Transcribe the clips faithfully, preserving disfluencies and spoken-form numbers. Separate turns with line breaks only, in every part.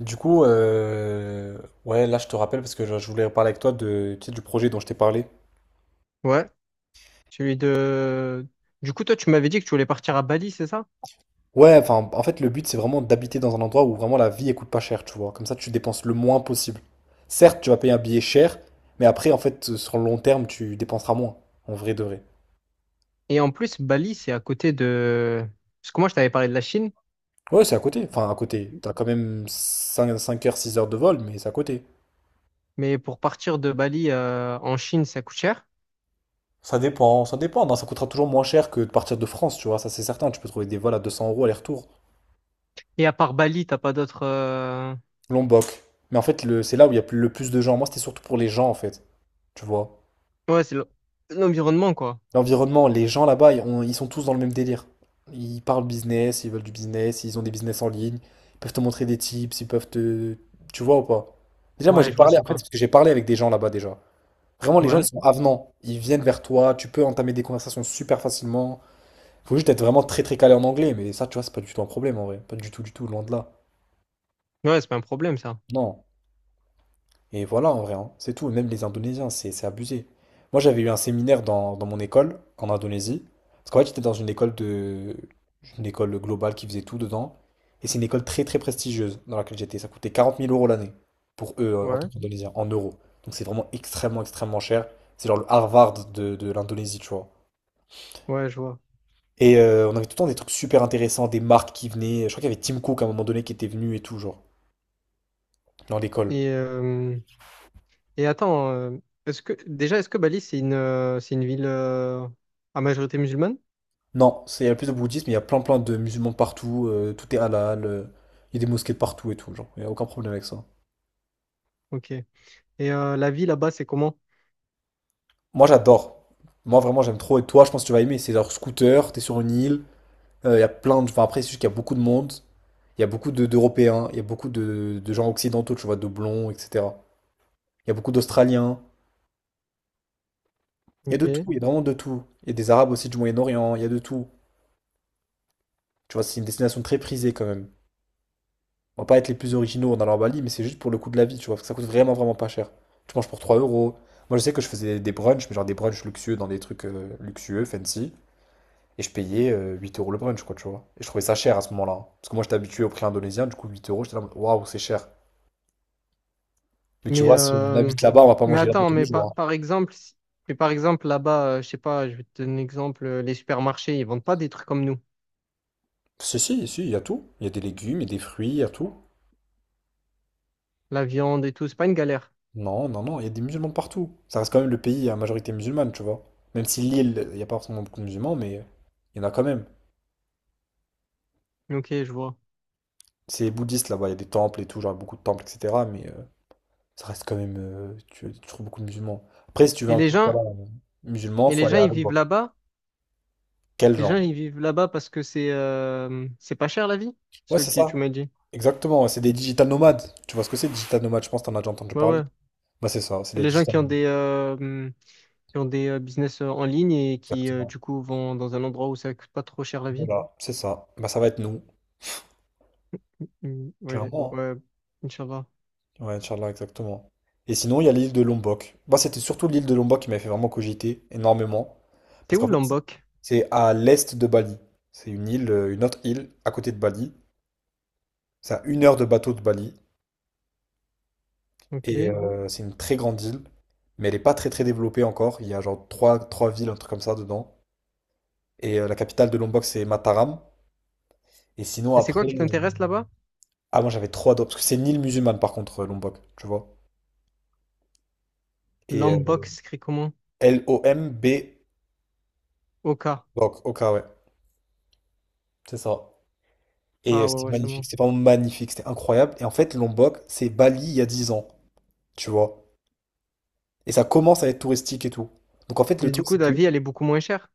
Du coup, euh, ouais, là je te rappelle parce que je je voulais parler avec toi de, tu sais, du projet dont je t'ai parlé.
Ouais, celui de... Du coup, toi, tu m'avais dit que tu voulais partir à Bali, c'est ça?
Ouais, enfin, en fait, le but c'est vraiment d'habiter dans un endroit où vraiment la vie elle coûte pas cher, tu vois. Comme ça, tu dépenses le moins possible. Certes, tu vas payer un billet cher, mais après, en fait, sur le long terme, tu dépenseras moins, en vrai de vrai.
Et en plus, Bali, c'est à côté de... Parce que moi, je t'avais parlé de la Chine,
Ouais, c'est à côté. Enfin, à côté. T'as quand même cinq, cinq heures, six heures de vol, mais c'est à côté.
mais pour partir de Bali euh, en Chine, ça coûte cher.
Ça dépend, ça dépend. Non, ça coûtera toujours moins cher que de partir de France, tu vois. Ça, c'est certain. Tu peux trouver des vols à deux cents euros aller-retour.
Et à part Bali, t'as pas d'autres euh,
Lombok. Mais en fait, le, c'est là où il y a plus- le plus de gens. Moi, c'était surtout pour les gens, en fait. Tu vois.
Ouais, c'est l'en- l'environnement, quoi.
L'environnement, les gens là-bas, ils, ont- ils sont tous dans le même délire. Ils parlent business, ils veulent du business, ils ont des business en ligne. Ils peuvent te montrer des tips, ils peuvent te... Tu vois ou pas? Déjà, moi,
Ouais,
j'ai
je vois,
parlé,
c'est
en fait,
quoi.
parce que j'ai parlé avec des gens là-bas déjà. Vraiment, les gens, ils
Ouais.
sont avenants. Ils viennent vers toi, tu peux entamer des conversations super facilement. Faut juste être vraiment très très calé en anglais, mais ça, tu vois, c'est pas du tout un problème en vrai. Pas du tout, du tout, loin de là.
Ouais, c'est pas un problème, ça.
Non. Et voilà, en vrai, hein. C'est tout. Même les Indonésiens, c'est c'est abusé. Moi, j'avais eu un séminaire dans, dans mon école, en Indonésie. Parce qu'en fait, j'étais dans une école de... Une école globale qui faisait tout dedans. Et c'est une école très, très prestigieuse dans laquelle j'étais. Ça coûtait quarante mille euros l'année pour eux, euh, en tant
Ouais.
qu'Indonésiens, en euros. Donc, c'est vraiment extrêmement, extrêmement cher. C'est genre le Harvard de, de l'Indonésie, tu vois.
Ouais, je vois.
Et euh, on avait tout le temps des trucs super intéressants, des marques qui venaient. Je crois qu'il y avait Tim Cook à un moment donné qui était venu et tout, genre, dans l'école.
Et, euh, et attends, euh, est-ce que, déjà, est-ce que Bali, c'est une, euh, c'est une ville euh, à majorité musulmane?
Non, c'est- il y a plus de bouddhisme, il y a plein plein de musulmans partout, euh, tout est halal, euh, il y a des mosquées partout et tout, genre, il n'y a aucun problème avec ça.
Ok. Et euh, la vie là-bas, c'est comment?
Moi j'adore. Moi vraiment j'aime trop et toi je pense que tu vas aimer, c'est genre scooter, t'es sur une île, euh, il y a plein de... Enfin après c'est juste qu'il y a beaucoup de monde, il y a beaucoup de- d'Européens, il y a beaucoup de, de gens occidentaux, tu vois, de blonds, et cetera. Il y a beaucoup d'Australiens, il y a de tout,
Ok.
il y a vraiment de tout. Il y a des Arabes aussi du Moyen-Orient, il y a de tout. Tu vois, c'est une destination très prisée quand même. On va pas être les plus originaux en allant à Bali, mais c'est juste pour le coût de la vie, tu vois, parce que ça coûte vraiment, vraiment pas cher. Tu manges pour trois euros. Moi, je sais que je faisais des brunchs, mais genre des brunchs luxueux dans des trucs euh, luxueux, fancy, et je payais euh, huit euros le brunch, quoi, tu vois. Et je trouvais ça cher à ce moment-là. hein. Parce que moi, j'étais habitué au prix indonésien, du coup, huit euros, j'étais là, waouh, c'est cher. Mais tu
Mais,
vois, si on
euh,
habite là-bas, on va pas
mais
manger là-bas
attends,
tous les
mais par
jours.
par
hein.
exemple, si- mais par exemple, là-bas, euh, je sais pas, je vais te donner un exemple, euh, les supermarchés, ils vendent pas des trucs comme nous.
Si, si, si, il y a tout. Il y a des légumes, il y a des fruits, il y a tout.
La viande et tout, c'est pas une galère.
Non, non, non, il y a des musulmans partout. Ça reste quand même le pays à majorité musulmane, tu vois. Même si l'île, il n'y a pas forcément beaucoup de musulmans, mais euh, il y en a quand même.
Ok, je vois.
C'est bouddhiste là-bas, il y a des temples et tout, genre beaucoup de temples, et cetera. Mais euh, ça reste quand même. euh, tu, tu trouves beaucoup de musulmans. Après, si tu veux
Et
un
les
truc voilà,
gens,
euh, musulman,
et
faut
les
aller
gens,
à
ils
l'autre
vivent
bord.
là-bas?
Quel
Les gens,
genre?
ils vivent là-bas parce que c'est euh, c'est pas cher la vie,
Ouais,
ce
c'est
que
ça.
tu m'as dit.
Exactement, ouais, c'est des digital nomades. Tu vois ce que c'est, digital nomades? Je pense que t'en as déjà entendu
Ouais,
parler.
ouais.
Bah, c'est ça, c'est des
Les gens
digital
qui ont
nomades.
des, euh, hum, qui ont des euh, business euh, en ligne et qui, euh,
Exactement.
du coup, vont dans un endroit où ça coûte pas trop cher la vie.
Voilà, c'est ça. Bah, ça va être nous,
Hum, Ouais, j'ai-
clairement.
ouais, Inch'Allah.
Ouais, Inch'Allah, exactement. Et sinon, il y a l'île de Lombok. Bah, c'était surtout l'île de Lombok qui m'avait fait vraiment cogiter énormément.
C'est
Parce qu'en
où
fait,
Lombok?
c'est à l'est de Bali. C'est une île, euh, une autre île à côté de Bali. C'est à une heure de bateau de Bali.
Ok.
Et
Et
euh, c'est une très grande île. Mais elle n'est pas très très développée encore. Il y a genre trois, trois villes, un truc comme ça dedans. Et euh, la capitale de Lombok, c'est Mataram. Et sinon,
c'est
après.
quoi qui
euh,
t'intéresse là-bas?
Ah, moi j'avais trois d'autres. Parce que c'est une île musulmane par contre, euh, Lombok, tu vois. Et euh,
Lombok, c'est écrit comment?
L O M B.
Ok.
Donc, ok, ouais. C'est ça. Et euh,
Ah ouais,
c'était
ouais, c'est
magnifique,
bon.
c'était vraiment magnifique, c'était incroyable. Et en fait, Lombok, c'est Bali il y a dix ans, tu vois. Et ça commence à être touristique et tout. Donc en fait, le
Et du
truc,
coup,
c'est
la
que
vie, elle est beaucoup moins chère.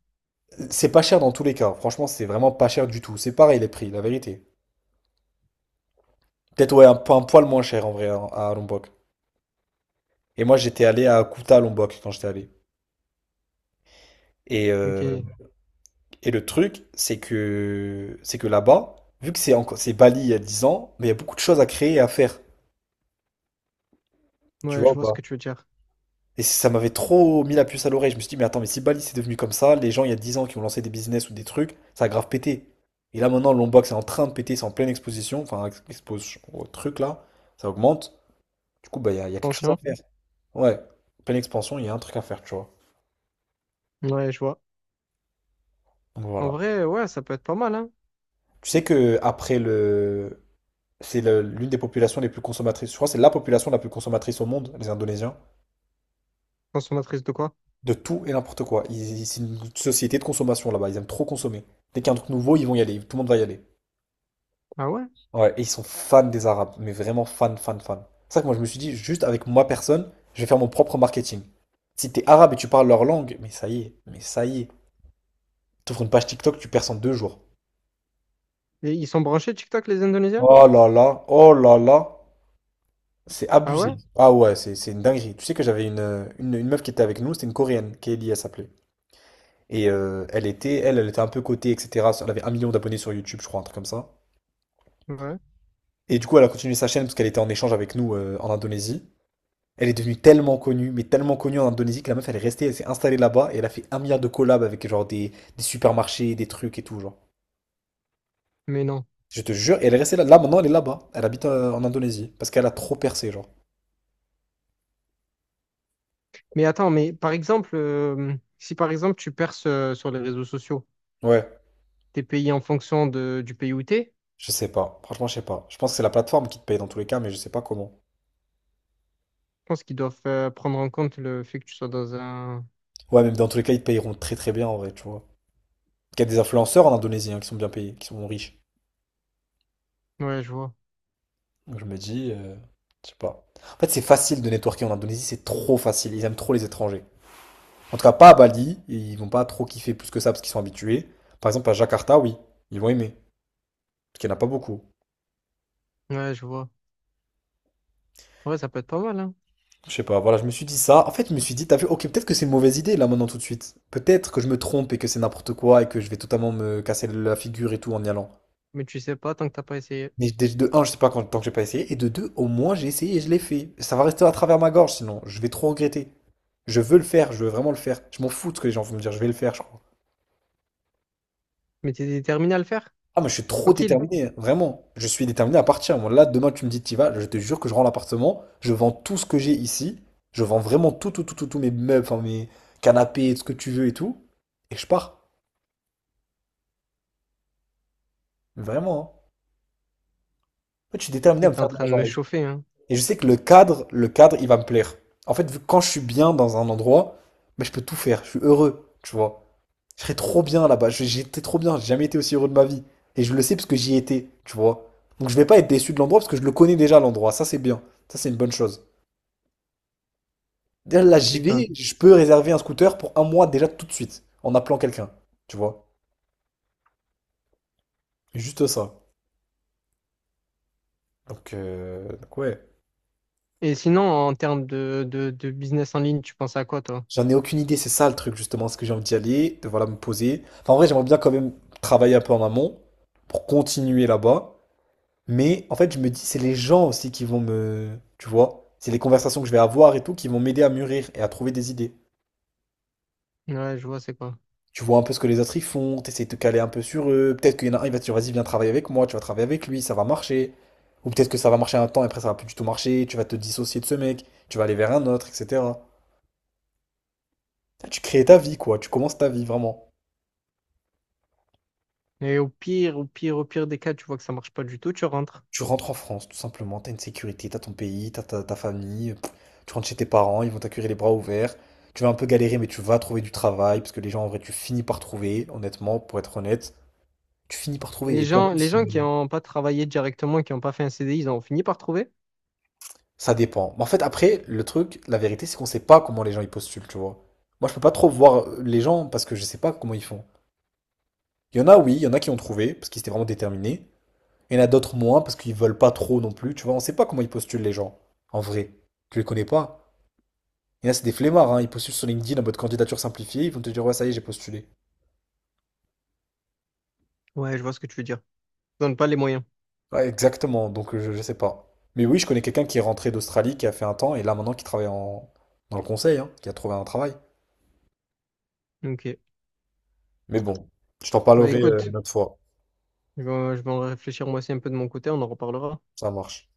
c'est pas cher dans tous les cas. Franchement, c'est vraiment pas cher du tout. C'est pareil les prix, la vérité. Peut-être, ouais, un, po- un poil moins cher en vrai à, à, Lombok. Et moi, j'étais allé à Kuta, Lombok, quand j'étais allé. Et, euh,
Ok.
et le truc, c'est que, c'est que là-bas, vu que c'est encore, c'est Bali il y a dix ans, mais il y a beaucoup de choses à créer et à faire. Tu
Ouais,
vois,
je
ou
vois ce
pas?
que tu veux dire.
Et ça m'avait trop mis la puce à l'oreille. Je me suis dit, mais attends, mais si Bali c'est devenu comme ça, les gens il y a dix ans qui ont lancé des business ou des trucs, ça a grave pété. Et là maintenant, l'Homebox est en train de péter, c'est en pleine exposition, enfin, ex- expose au truc là, ça augmente. Du coup, bah, il y a, il y a quelque chose à
Pension?
faire. Ouais, pleine expansion, il y a un truc à faire, tu vois.
Ouais, je vois.
Donc
En
voilà.
vrai, ouais, ça peut être pas mal, hein.
Tu sais que après le. C'est le- l'une des populations les plus consommatrices. Je crois que c'est la population la plus consommatrice au monde, les Indonésiens.
Consommatrice de quoi?
De tout et n'importe quoi. Ils- ils- c'est une société de consommation là-bas. Ils aiment trop consommer. Dès qu'il y a un truc nouveau, ils vont y aller. Tout le monde va y aller.
Ah ouais?
Ouais, et ils sont fans des Arabes, mais vraiment fans, fans, fans. C'est ça que moi je me suis dit, juste avec moi personne, je vais faire mon propre marketing. Si t'es arabe et tu parles leur langue, mais ça y est, mais ça y est. T'ouvres une page TikTok, tu perds en deux jours.
Et ils sont branchés TikTok, les Indonésiens?
Oh là là, oh là là, c'est
Ah ouais?
abusé. Ah ouais, c'est c'est une dinguerie. Tu sais que j'avais une, euh, une, une meuf qui était avec nous, c'était une Coréenne, Kelly, elle s'appelait. Et euh, elle était, elle, elle était un peu cotée, et cetera. Elle avait un million d'abonnés sur YouTube, je crois, un truc comme ça.
Ouais.
Et du coup, elle a continué sa chaîne parce qu'elle était en échange avec nous euh, en Indonésie. Elle est devenue tellement connue, mais tellement connue en Indonésie que la meuf elle est restée, elle s'est installée là-bas et elle a fait un milliard de collabs avec genre des, des supermarchés, des trucs et tout, genre.
Mais non.
Je te jure, et elle est restée là. Là maintenant elle est là-bas. Elle habite euh, en Indonésie parce qu'elle a trop percé, genre.
Mais attends, mais par exemple, euh, si par exemple tu perces euh, sur les réseaux sociaux,
Ouais,
t'es payé en fonction de, du pays où t'es,
je sais pas. Franchement, je sais pas. Je pense que c'est la plateforme qui te paye dans tous les cas, mais je sais pas comment.
je pense qu'ils doivent euh, prendre en compte le fait que tu sois dans un...
Ouais, même dans tous les cas, ils te payeront très très bien en vrai, tu vois. Il y a des influenceurs en Indonésie hein, qui sont bien payés, qui sont riches.
Ouais, je vois.
Donc je me dis, euh, je sais pas. En fait, c'est facile de networker en Indonésie, c'est trop facile. Ils aiment trop les étrangers. En tout cas, pas à Bali, et ils vont pas trop kiffer plus que ça parce qu'ils sont habitués. Par exemple, à Jakarta, oui, ils vont aimer, parce qu'il n'y en a pas beaucoup.
Ouais, je vois. Ouais, ça peut être pas mal, hein.
Je sais pas, voilà, je me suis dit ça. En fait, je me suis dit, t'as vu, ok, peut-être que c'est une mauvaise idée là maintenant tout de suite. Peut-être que je me trompe et que c'est n'importe quoi et que je vais totalement me casser la figure et tout en y allant.
Mais tu sais pas tant que t'as pas essayé.
Mais dé- de un, je sais pas quand, tant que j'ai pas essayé, et de deux, au moins j'ai essayé et je l'ai fait. Ça va rester à travers ma gorge sinon, je vais trop regretter. Je veux le faire, je veux vraiment le faire. Je m'en fous de ce que les gens vont me dire, je vais le faire, je crois.
Mais t'es déterminé à le faire?
Ah, mais je suis trop
Tranquille.
déterminé, hein, vraiment. Je suis déterminé à partir. Moi, là, demain, tu me dis, t'y vas, je te jure que je rends l'appartement, je vends tout ce que j'ai ici, je vends vraiment tout, tout, tout, tout, tout, mes meubles, enfin, mes canapés, ce que tu veux et tout, et je pars. Vraiment, hein. En fait, je suis
Tu
déterminé à
sais
me
que t'es en
faire de
train de
l'argent
me
avec.
chauffer, hein.
Et je sais que le cadre, le cadre, il va me plaire. En fait, vu que quand je suis bien dans un endroit, mais je peux tout faire, je suis heureux, tu vois. Je serais trop bien là-bas. Je- J'étais trop bien. J'ai jamais été aussi heureux de ma vie. Et je le sais parce que j'y étais, tu vois. Donc je vais pas être déçu de l'endroit parce que je le connais déjà l'endroit. Ça, c'est bien. Ça, c'est une bonne chose. D'ailleurs,
Tu
là, j'y
sais que t'es en-
vais. Je peux réserver un scooter pour un mois déjà tout de suite en appelant quelqu'un, tu vois. Juste ça. Donc, euh, donc ouais.
Et sinon, en termes de, de, de business en ligne, tu penses à quoi, toi?
J'en ai aucune idée. C'est ça le truc justement. Est-ce que j'ai envie d'y aller, de voilà me poser. Enfin, en vrai, j'aimerais bien quand même travailler un peu en amont pour continuer là-bas. Mais en fait, je me dis, c'est les gens aussi qui vont me… Tu vois, c'est les conversations que je vais avoir et tout qui vont m'aider à mûrir et à trouver des idées.
Ouais, je vois, c'est quoi.
Tu vois un peu ce que les autres ils font, t'essayes de te caler un peu sur eux. Peut-être qu'il y en a un, il va te dire, vas-y, viens travailler avec moi, tu vas travailler avec lui, ça va marcher. Ou peut-être que ça va marcher un temps et après ça va plus du tout marcher, tu vas te dissocier de ce mec, tu vas aller vers un autre, et cetera. Tu crées ta vie, quoi, tu commences ta vie vraiment.
Et au pire, au pire, au pire des cas, tu vois que ça marche pas du tout, tu rentres.
Tu rentres en France, tout simplement, t'as une sécurité, t'as ton pays, t'as ta, ta famille, pff, tu rentres chez tes parents, ils vont t'accueillir les bras ouverts. Tu vas un peu galérer, mais tu vas trouver du travail, parce que les gens, en vrai, tu finis par trouver, honnêtement, pour être honnête, tu finis par trouver.
Les
Et puis, en
gens,
fait,
les gens qui n'ont pas travaillé directement, qui n'ont pas fait un C D I, ils ont fini par trouver?
ça dépend. Mais en fait, après, le truc, la vérité, c'est qu'on sait pas comment les gens ils postulent, tu vois. Moi, je peux pas trop voir euh, les gens, parce que je sais pas comment ils font. Il y en a, oui, il y en a qui ont trouvé, parce qu'ils étaient vraiment déterminés. Il y en a d'autres moins, parce qu'ils veulent pas trop non plus, tu vois. On sait pas comment ils postulent, les gens, en vrai. Tu les connais pas. Il y a, c'est des flemmards, hein, ils postulent sur LinkedIn en mode candidature simplifiée, ils vont te dire ouais, ça y est, j'ai postulé.
Ouais, je vois ce que tu veux dire. Ils donnent pas les moyens.
Ouais, exactement, donc euh, je, je sais pas. Mais oui, je connais quelqu'un qui est rentré d'Australie, qui a fait un temps, et là maintenant qui travaille en… dans le conseil, hein, qui a trouvé un travail.
Ok.
Mais bon, je t'en
Bah
parlerai euh,
écoute,
une autre fois,
je vais, je vais en réfléchir moi aussi un peu de mon côté, on en reparlera.
ça marche.